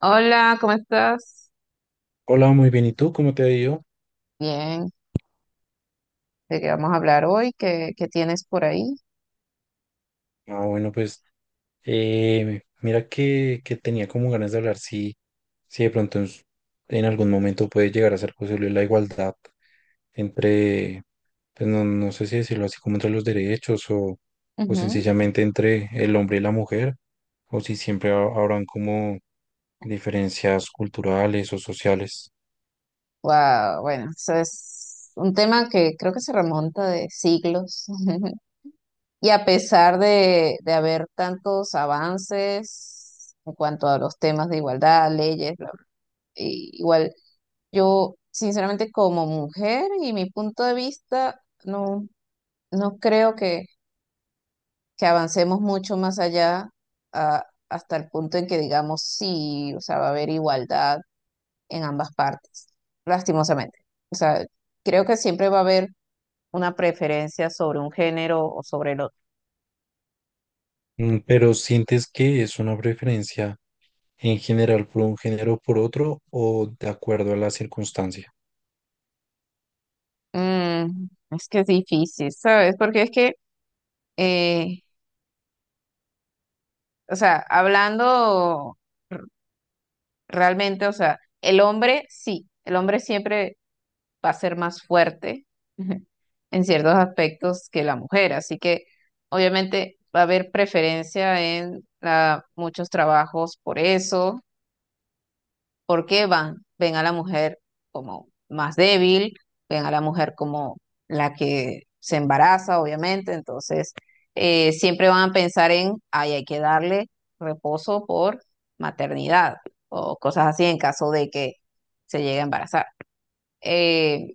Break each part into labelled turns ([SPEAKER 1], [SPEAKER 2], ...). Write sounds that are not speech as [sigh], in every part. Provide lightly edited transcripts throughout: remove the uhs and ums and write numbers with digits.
[SPEAKER 1] Hola, ¿cómo estás?
[SPEAKER 2] Hola, muy bien. ¿Y tú? ¿Cómo te ha ido?
[SPEAKER 1] Bien, ¿de qué vamos a hablar hoy? ¿¿Qué tienes por ahí?
[SPEAKER 2] Ah, bueno, pues mira que tenía como ganas de hablar, si de pronto en algún momento puede llegar a ser posible la igualdad entre, pues no sé si decirlo así como entre los derechos, o
[SPEAKER 1] Ujú.
[SPEAKER 2] sencillamente entre el hombre y la mujer, o si siempre habrán como diferencias culturales o sociales.
[SPEAKER 1] Wow, bueno, eso es un tema que creo que se remonta de siglos. [laughs] Y a pesar de haber tantos avances en cuanto a los temas de igualdad, leyes, bla, bla, y igual yo, sinceramente, como mujer y mi punto de vista, no, no creo que avancemos mucho más allá hasta el punto en que digamos sí. O sea, va a haber igualdad en ambas partes, lastimosamente. O sea, creo que siempre va a haber una preferencia sobre un género o sobre el otro.
[SPEAKER 2] ¿Pero sientes que es una preferencia en general por un género o por otro o de acuerdo a la circunstancia?
[SPEAKER 1] Mm, es que es difícil, ¿sabes? Porque es que, eh, o sea, hablando r- realmente, o sea, el hombre sí, el hombre siempre va a ser más fuerte [laughs] en ciertos aspectos que la mujer. Así que obviamente va a haber preferencia en muchos trabajos por eso, porque van, ven a la mujer como más débil, ven a la mujer como la que se embaraza, obviamente. Entonces, siempre van a pensar en, ay, hay que darle reposo por maternidad o cosas así en caso de que se llegue a embarazar. Eh,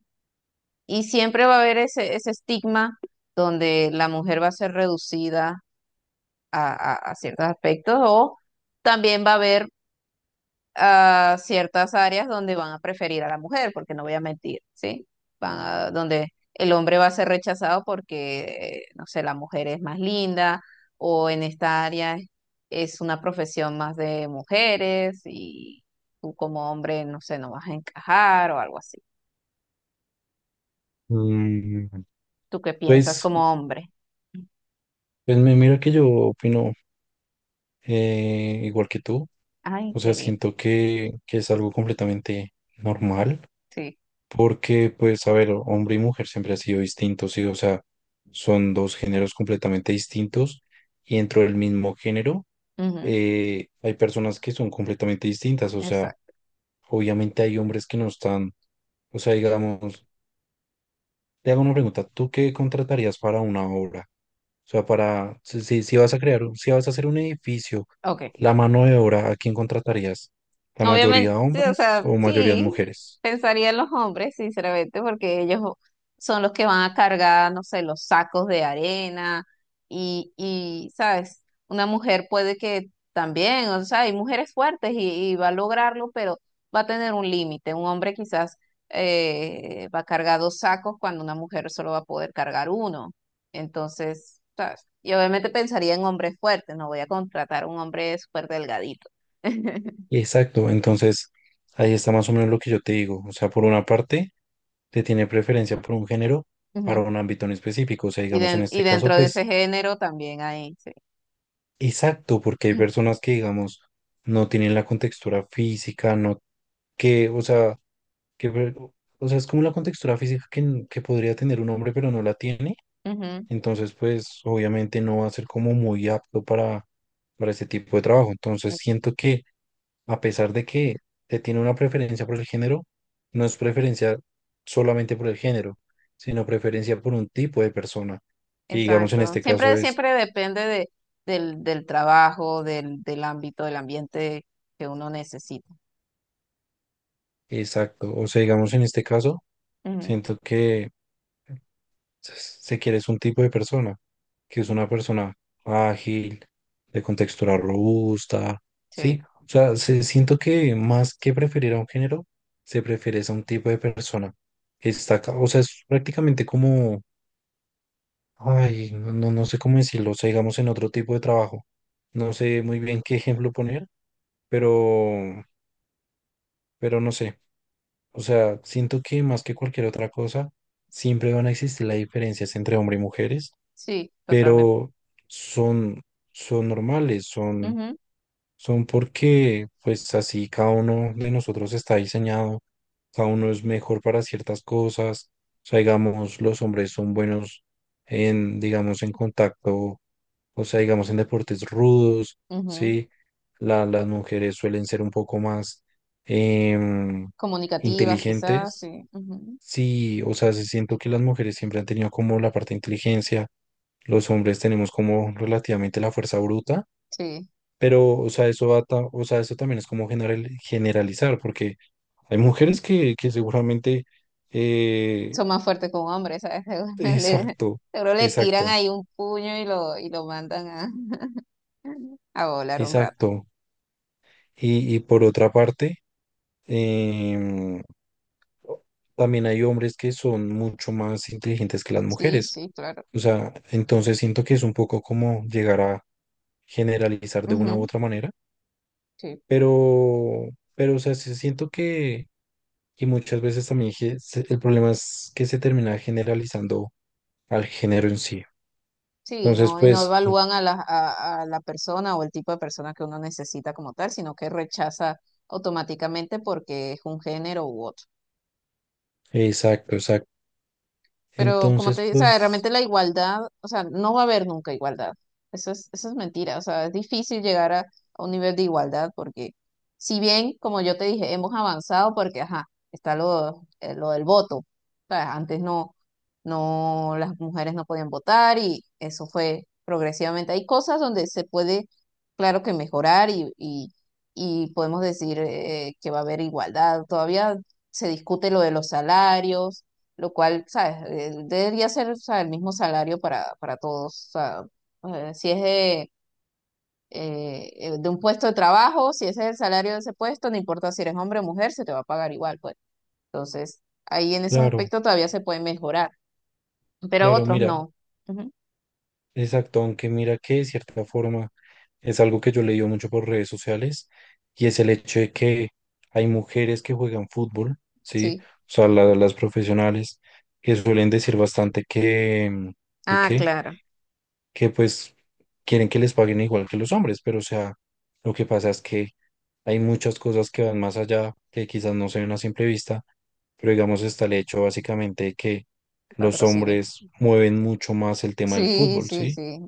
[SPEAKER 1] y siempre va a haber ese estigma donde la mujer va a ser reducida a, a ciertos aspectos, o también va a haber ah, ciertas áreas donde van a preferir a la mujer, porque no voy a mentir, ¿sí? Donde el hombre va a ser rechazado porque, no sé, la mujer es más linda, o en esta área es una profesión más de mujeres y tú como hombre, no sé, no vas a encajar o algo así.
[SPEAKER 2] Mm,
[SPEAKER 1] ¿Tú qué piensas
[SPEAKER 2] pues,
[SPEAKER 1] como hombre?
[SPEAKER 2] pues, me mira que yo opino igual que tú.
[SPEAKER 1] Ay,
[SPEAKER 2] O sea,
[SPEAKER 1] qué lindo.
[SPEAKER 2] siento que es algo completamente normal
[SPEAKER 1] Sí.
[SPEAKER 2] porque, pues, a ver, hombre y mujer siempre han sido distintos, ¿sí? O sea, son dos géneros completamente distintos, y dentro del mismo género
[SPEAKER 1] Ujú.
[SPEAKER 2] hay personas que son completamente distintas. O sea,
[SPEAKER 1] Exacto.
[SPEAKER 2] obviamente hay hombres que no están, o sea, digamos. Te hago una pregunta: ¿tú qué contratarías para una obra? O sea, para, si vas a crear, si vas a hacer un edificio,
[SPEAKER 1] Ok.
[SPEAKER 2] la mano de obra, ¿a quién contratarías? ¿La
[SPEAKER 1] Obviamente,
[SPEAKER 2] mayoría
[SPEAKER 1] sí, o
[SPEAKER 2] hombres
[SPEAKER 1] sea,
[SPEAKER 2] o mayoría
[SPEAKER 1] sí,
[SPEAKER 2] mujeres?
[SPEAKER 1] pensaría en los hombres, sinceramente, porque ellos son los que van a cargar, no sé, los sacos de arena y, ¿sabes? Una mujer puede que también, o sea, hay mujeres fuertes y va a lograrlo, pero va a tener un límite. Un hombre quizás va a cargar 2 sacos cuando una mujer solo va a poder cargar uno. Entonces, ¿sabes? Y obviamente pensaría en hombres fuertes, no voy a contratar a un hombre súper delgadito. [laughs]
[SPEAKER 2] Exacto, entonces ahí está más o menos lo que yo te digo. O sea, por una parte, te tiene preferencia por un género para
[SPEAKER 1] Ujú.
[SPEAKER 2] un ámbito en específico. O sea,
[SPEAKER 1] Y,
[SPEAKER 2] digamos, en
[SPEAKER 1] y
[SPEAKER 2] este caso,
[SPEAKER 1] dentro de ese
[SPEAKER 2] pues,
[SPEAKER 1] género también hay, sí.
[SPEAKER 2] exacto, porque hay personas que, digamos, no tienen la contextura física, no, que, o sea, que o sea, es como la contextura física que, que podría tener un hombre, pero no la tiene.
[SPEAKER 1] Ujú,
[SPEAKER 2] Entonces, pues obviamente no va a ser como muy apto para ese tipo de trabajo. Entonces,
[SPEAKER 1] ex-
[SPEAKER 2] siento que, a pesar de que te tiene una preferencia por el género, no es preferencia solamente por el género, sino preferencia por un tipo de persona, que digamos en
[SPEAKER 1] exacto.
[SPEAKER 2] este caso
[SPEAKER 1] Siempre,
[SPEAKER 2] es
[SPEAKER 1] siempre depende del trabajo, del ámbito, del ambiente que uno necesita.
[SPEAKER 2] exacto. O sea, digamos en este caso,
[SPEAKER 1] Ujú.
[SPEAKER 2] siento que. Se quiere es un tipo de persona, que es una persona ágil, de contextura robusta,
[SPEAKER 1] Sí,
[SPEAKER 2] ¿sí? O sea, siento que más que preferir a un género, se prefiere es a un tipo de persona, que está, o sea, es prácticamente como, ay, no sé cómo decirlo, o sea, digamos en otro tipo de trabajo. No sé muy bien qué ejemplo poner, pero, no sé. O sea, siento que más que cualquier otra cosa, siempre van a existir las diferencias entre hombres y mujeres,
[SPEAKER 1] sí, totalmente.
[SPEAKER 2] pero son, son normales, son,
[SPEAKER 1] Ujú,
[SPEAKER 2] son porque pues así cada uno de nosotros está diseñado, cada uno es mejor para ciertas cosas. O sea, digamos, los hombres son buenos en, digamos, en contacto, o sea, digamos, en deportes rudos,
[SPEAKER 1] ujú.
[SPEAKER 2] ¿sí? Las mujeres suelen ser un poco más em,
[SPEAKER 1] Comunicativas, quizás,
[SPEAKER 2] inteligentes.
[SPEAKER 1] sí. Ujú.
[SPEAKER 2] Sí, o sea, sí siento que las mujeres siempre han tenido como la parte de inteligencia, los hombres tenemos como relativamente la fuerza bruta.
[SPEAKER 1] Sí,
[SPEAKER 2] Pero, o sea, eso o sea, eso también es como generalizar, porque hay mujeres que seguramente, eh,
[SPEAKER 1] son más fuertes con hombres, ¿sabes? [laughs]
[SPEAKER 2] exacto,
[SPEAKER 1] Seguro le tiran
[SPEAKER 2] exacto,
[SPEAKER 1] ahí un puño y lo mandan a, [laughs] a volar un rato.
[SPEAKER 2] exacto. Y, por otra parte, em, también hay hombres que son mucho más inteligentes que las
[SPEAKER 1] Sí,
[SPEAKER 2] mujeres.
[SPEAKER 1] sí, claro.
[SPEAKER 2] O sea, entonces siento que es un poco como llegar a generalizar de una u
[SPEAKER 1] Ujú.
[SPEAKER 2] otra manera,
[SPEAKER 1] Sí.
[SPEAKER 2] pero, pero, o sea, sí siento que y muchas veces también, el problema es que se termina generalizando al género en sí.
[SPEAKER 1] Sí,
[SPEAKER 2] Entonces,
[SPEAKER 1] no, y no
[SPEAKER 2] pues,
[SPEAKER 1] evalúan a la persona o el tipo de persona que uno necesita como tal, sino que rechaza automáticamente porque es un género u otro.
[SPEAKER 2] exacto, exacto.
[SPEAKER 1] Pero como
[SPEAKER 2] Entonces,
[SPEAKER 1] te digo, o sea,
[SPEAKER 2] pues,
[SPEAKER 1] realmente la igualdad, o sea, no va a haber nunca igualdad. Eso es mentira. O sea, es difícil llegar a un nivel de igualdad porque si bien, como yo te dije, hemos avanzado porque, ajá, está lo del voto. ¿Sabes? Antes no, no, las mujeres no podían votar y eso fue progresivamente. Hay cosas donde se puede, claro que mejorar y podemos decir que va a haber igualdad. Todavía se discute lo de los salarios, lo cual, ¿sabes? Debería ser, o sea, el mismo salario para todos. O sea, si es de un puesto de trabajo, si ese es el salario de ese puesto, no importa si eres hombre o mujer, se te va a pagar igual, pues. Entonces, ahí en esos
[SPEAKER 2] claro,
[SPEAKER 1] aspectos todavía se puede mejorar, pero
[SPEAKER 2] claro,
[SPEAKER 1] otros
[SPEAKER 2] mira,
[SPEAKER 1] no. Ujú.
[SPEAKER 2] exacto, aunque mira que de cierta forma es algo que yo he leído mucho por redes sociales, y es el hecho de que hay mujeres que juegan fútbol, ¿sí?
[SPEAKER 1] Sí.
[SPEAKER 2] O sea, las profesionales, que suelen decir bastante que,
[SPEAKER 1] Ah,
[SPEAKER 2] qué,
[SPEAKER 1] claro,
[SPEAKER 2] que pues quieren que les paguen igual que los hombres, pero, o sea, lo que pasa es que hay muchas cosas que van más allá, que quizás no se ven a simple vista, pero digamos está el hecho básicamente de que los
[SPEAKER 1] patrocinio.
[SPEAKER 2] hombres mueven mucho más el tema del
[SPEAKER 1] Sí,
[SPEAKER 2] fútbol,
[SPEAKER 1] sí,
[SPEAKER 2] ¿sí?
[SPEAKER 1] sí.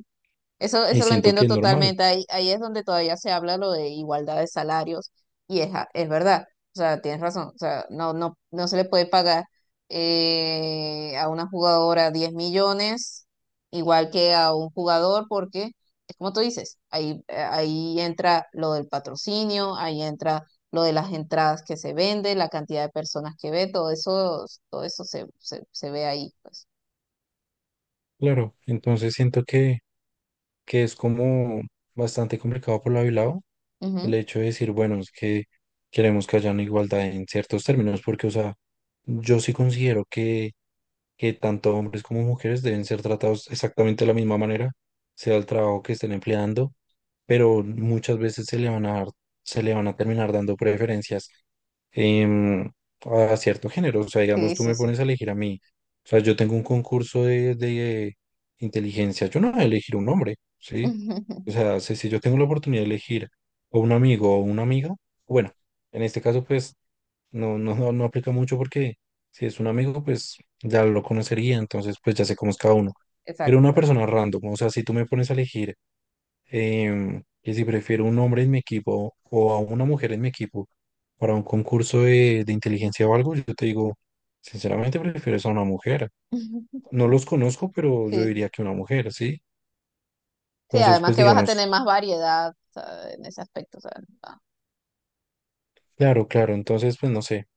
[SPEAKER 1] Eso,
[SPEAKER 2] Y
[SPEAKER 1] eso lo
[SPEAKER 2] siento que
[SPEAKER 1] entiendo
[SPEAKER 2] es normal,
[SPEAKER 1] totalmente. Ahí, ahí es donde todavía se habla lo de igualdad de salarios y es, es verdad. O sea, tienes razón. O sea, no, no, no se le puede pagar a una jugadora 10 millones igual que a un jugador porque es como tú dices, ahí, ahí entra lo del patrocinio, ahí entra lo de las entradas que se venden, la cantidad de personas que ve, todo eso se ve ahí, pues.
[SPEAKER 2] claro. Entonces siento que es como bastante complicado por lado y lado
[SPEAKER 1] Ujú.
[SPEAKER 2] el hecho de decir: bueno, es que queremos que haya una igualdad en ciertos términos, porque, o sea, yo sí considero que tanto hombres como mujeres deben ser tratados exactamente de la misma manera, sea el trabajo que estén empleando. Pero muchas veces se le van a terminar dando preferencias em, a cierto género. O sea, digamos,
[SPEAKER 1] Sí,
[SPEAKER 2] tú
[SPEAKER 1] sí,
[SPEAKER 2] me
[SPEAKER 1] sí.
[SPEAKER 2] pones a elegir a mí. O sea, yo tengo un concurso de inteligencia, yo no voy a elegir un hombre, ¿sí? O
[SPEAKER 1] [laughs]
[SPEAKER 2] sea, si yo tengo la oportunidad de elegir o un amigo o una amiga, bueno, en este caso, pues no aplica mucho, porque si es un amigo, pues ya lo conocería, entonces pues ya sé cómo es cada uno. Pero
[SPEAKER 1] Exacto,
[SPEAKER 2] una
[SPEAKER 1] exacto.
[SPEAKER 2] persona random, o sea, si tú me pones a elegir que si prefiero un hombre en mi equipo o a una mujer en mi equipo para un concurso de inteligencia o algo, yo te digo, sinceramente prefiero es a una mujer.
[SPEAKER 1] [laughs]
[SPEAKER 2] No los conozco, pero yo
[SPEAKER 1] Sí,
[SPEAKER 2] diría que una mujer, ¿sí?
[SPEAKER 1] sí,
[SPEAKER 2] Entonces,
[SPEAKER 1] además
[SPEAKER 2] pues
[SPEAKER 1] que vas a tener
[SPEAKER 2] digamos,
[SPEAKER 1] más variedad, o sea, en ese aspecto, o sea, ah,
[SPEAKER 2] claro, claro, entonces pues no sé.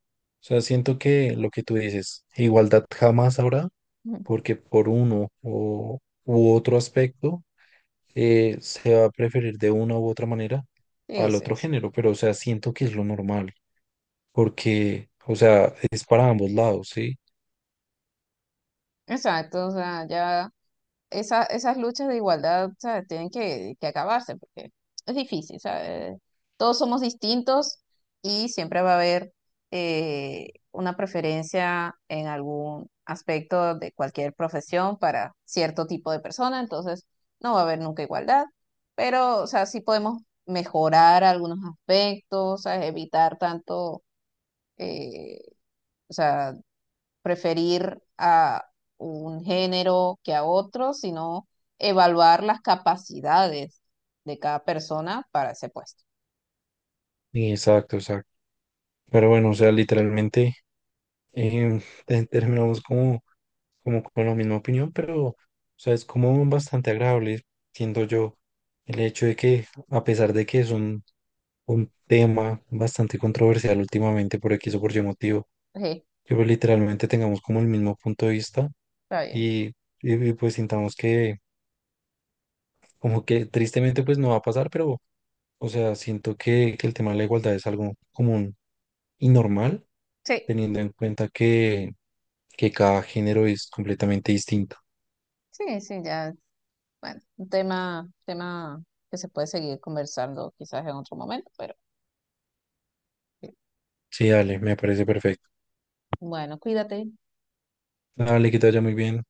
[SPEAKER 2] O sea, siento que lo que tú dices, igualdad jamás habrá,
[SPEAKER 1] ujú.
[SPEAKER 2] porque por uno u otro aspecto, se va a preferir de una u otra manera
[SPEAKER 1] Sí,
[SPEAKER 2] al
[SPEAKER 1] sí,
[SPEAKER 2] otro
[SPEAKER 1] sí.
[SPEAKER 2] género. Pero, o sea, siento que es lo normal, porque, o sea, es para ambos lados, ¿sí?
[SPEAKER 1] Exacto, o sea, ya esas luchas de igualdad, ¿sabes? Tienen que acabarse porque es difícil, ¿sabes? Todos somos distintos y siempre va a haber una preferencia en algún aspecto de cualquier profesión para cierto tipo de persona. Entonces no va a haber nunca igualdad, pero, o sea, sí podemos mejorar algunos aspectos, ¿sabes? Evitar tanto, eh, o sea, preferir a un género que a otro, sino evaluar las capacidades de cada persona para ese puesto.
[SPEAKER 2] Exacto, exacto. Pero bueno, o sea, literalmente [laughs] terminamos como con la misma opinión, pero, o sea, es como bastante agradable, siento yo, el hecho de que, a pesar de que es un tema bastante controversial últimamente por X o por Y motivo,
[SPEAKER 1] Sí,
[SPEAKER 2] que pues, literalmente tengamos como el mismo punto de vista.
[SPEAKER 1] está bien.
[SPEAKER 2] Y, pues sintamos que como que tristemente pues no va a pasar, pero, o sea, siento que el tema de la igualdad es algo común y normal,
[SPEAKER 1] Sí,
[SPEAKER 2] teniendo en cuenta que cada género es completamente distinto.
[SPEAKER 1] sí, sí, ya, bueno, un tema, tema que se puede seguir conversando quizás en otro momento, pero sí.
[SPEAKER 2] Sí, dale, me parece perfecto.
[SPEAKER 1] Bueno, cuídate.
[SPEAKER 2] Dale, que te vaya muy bien.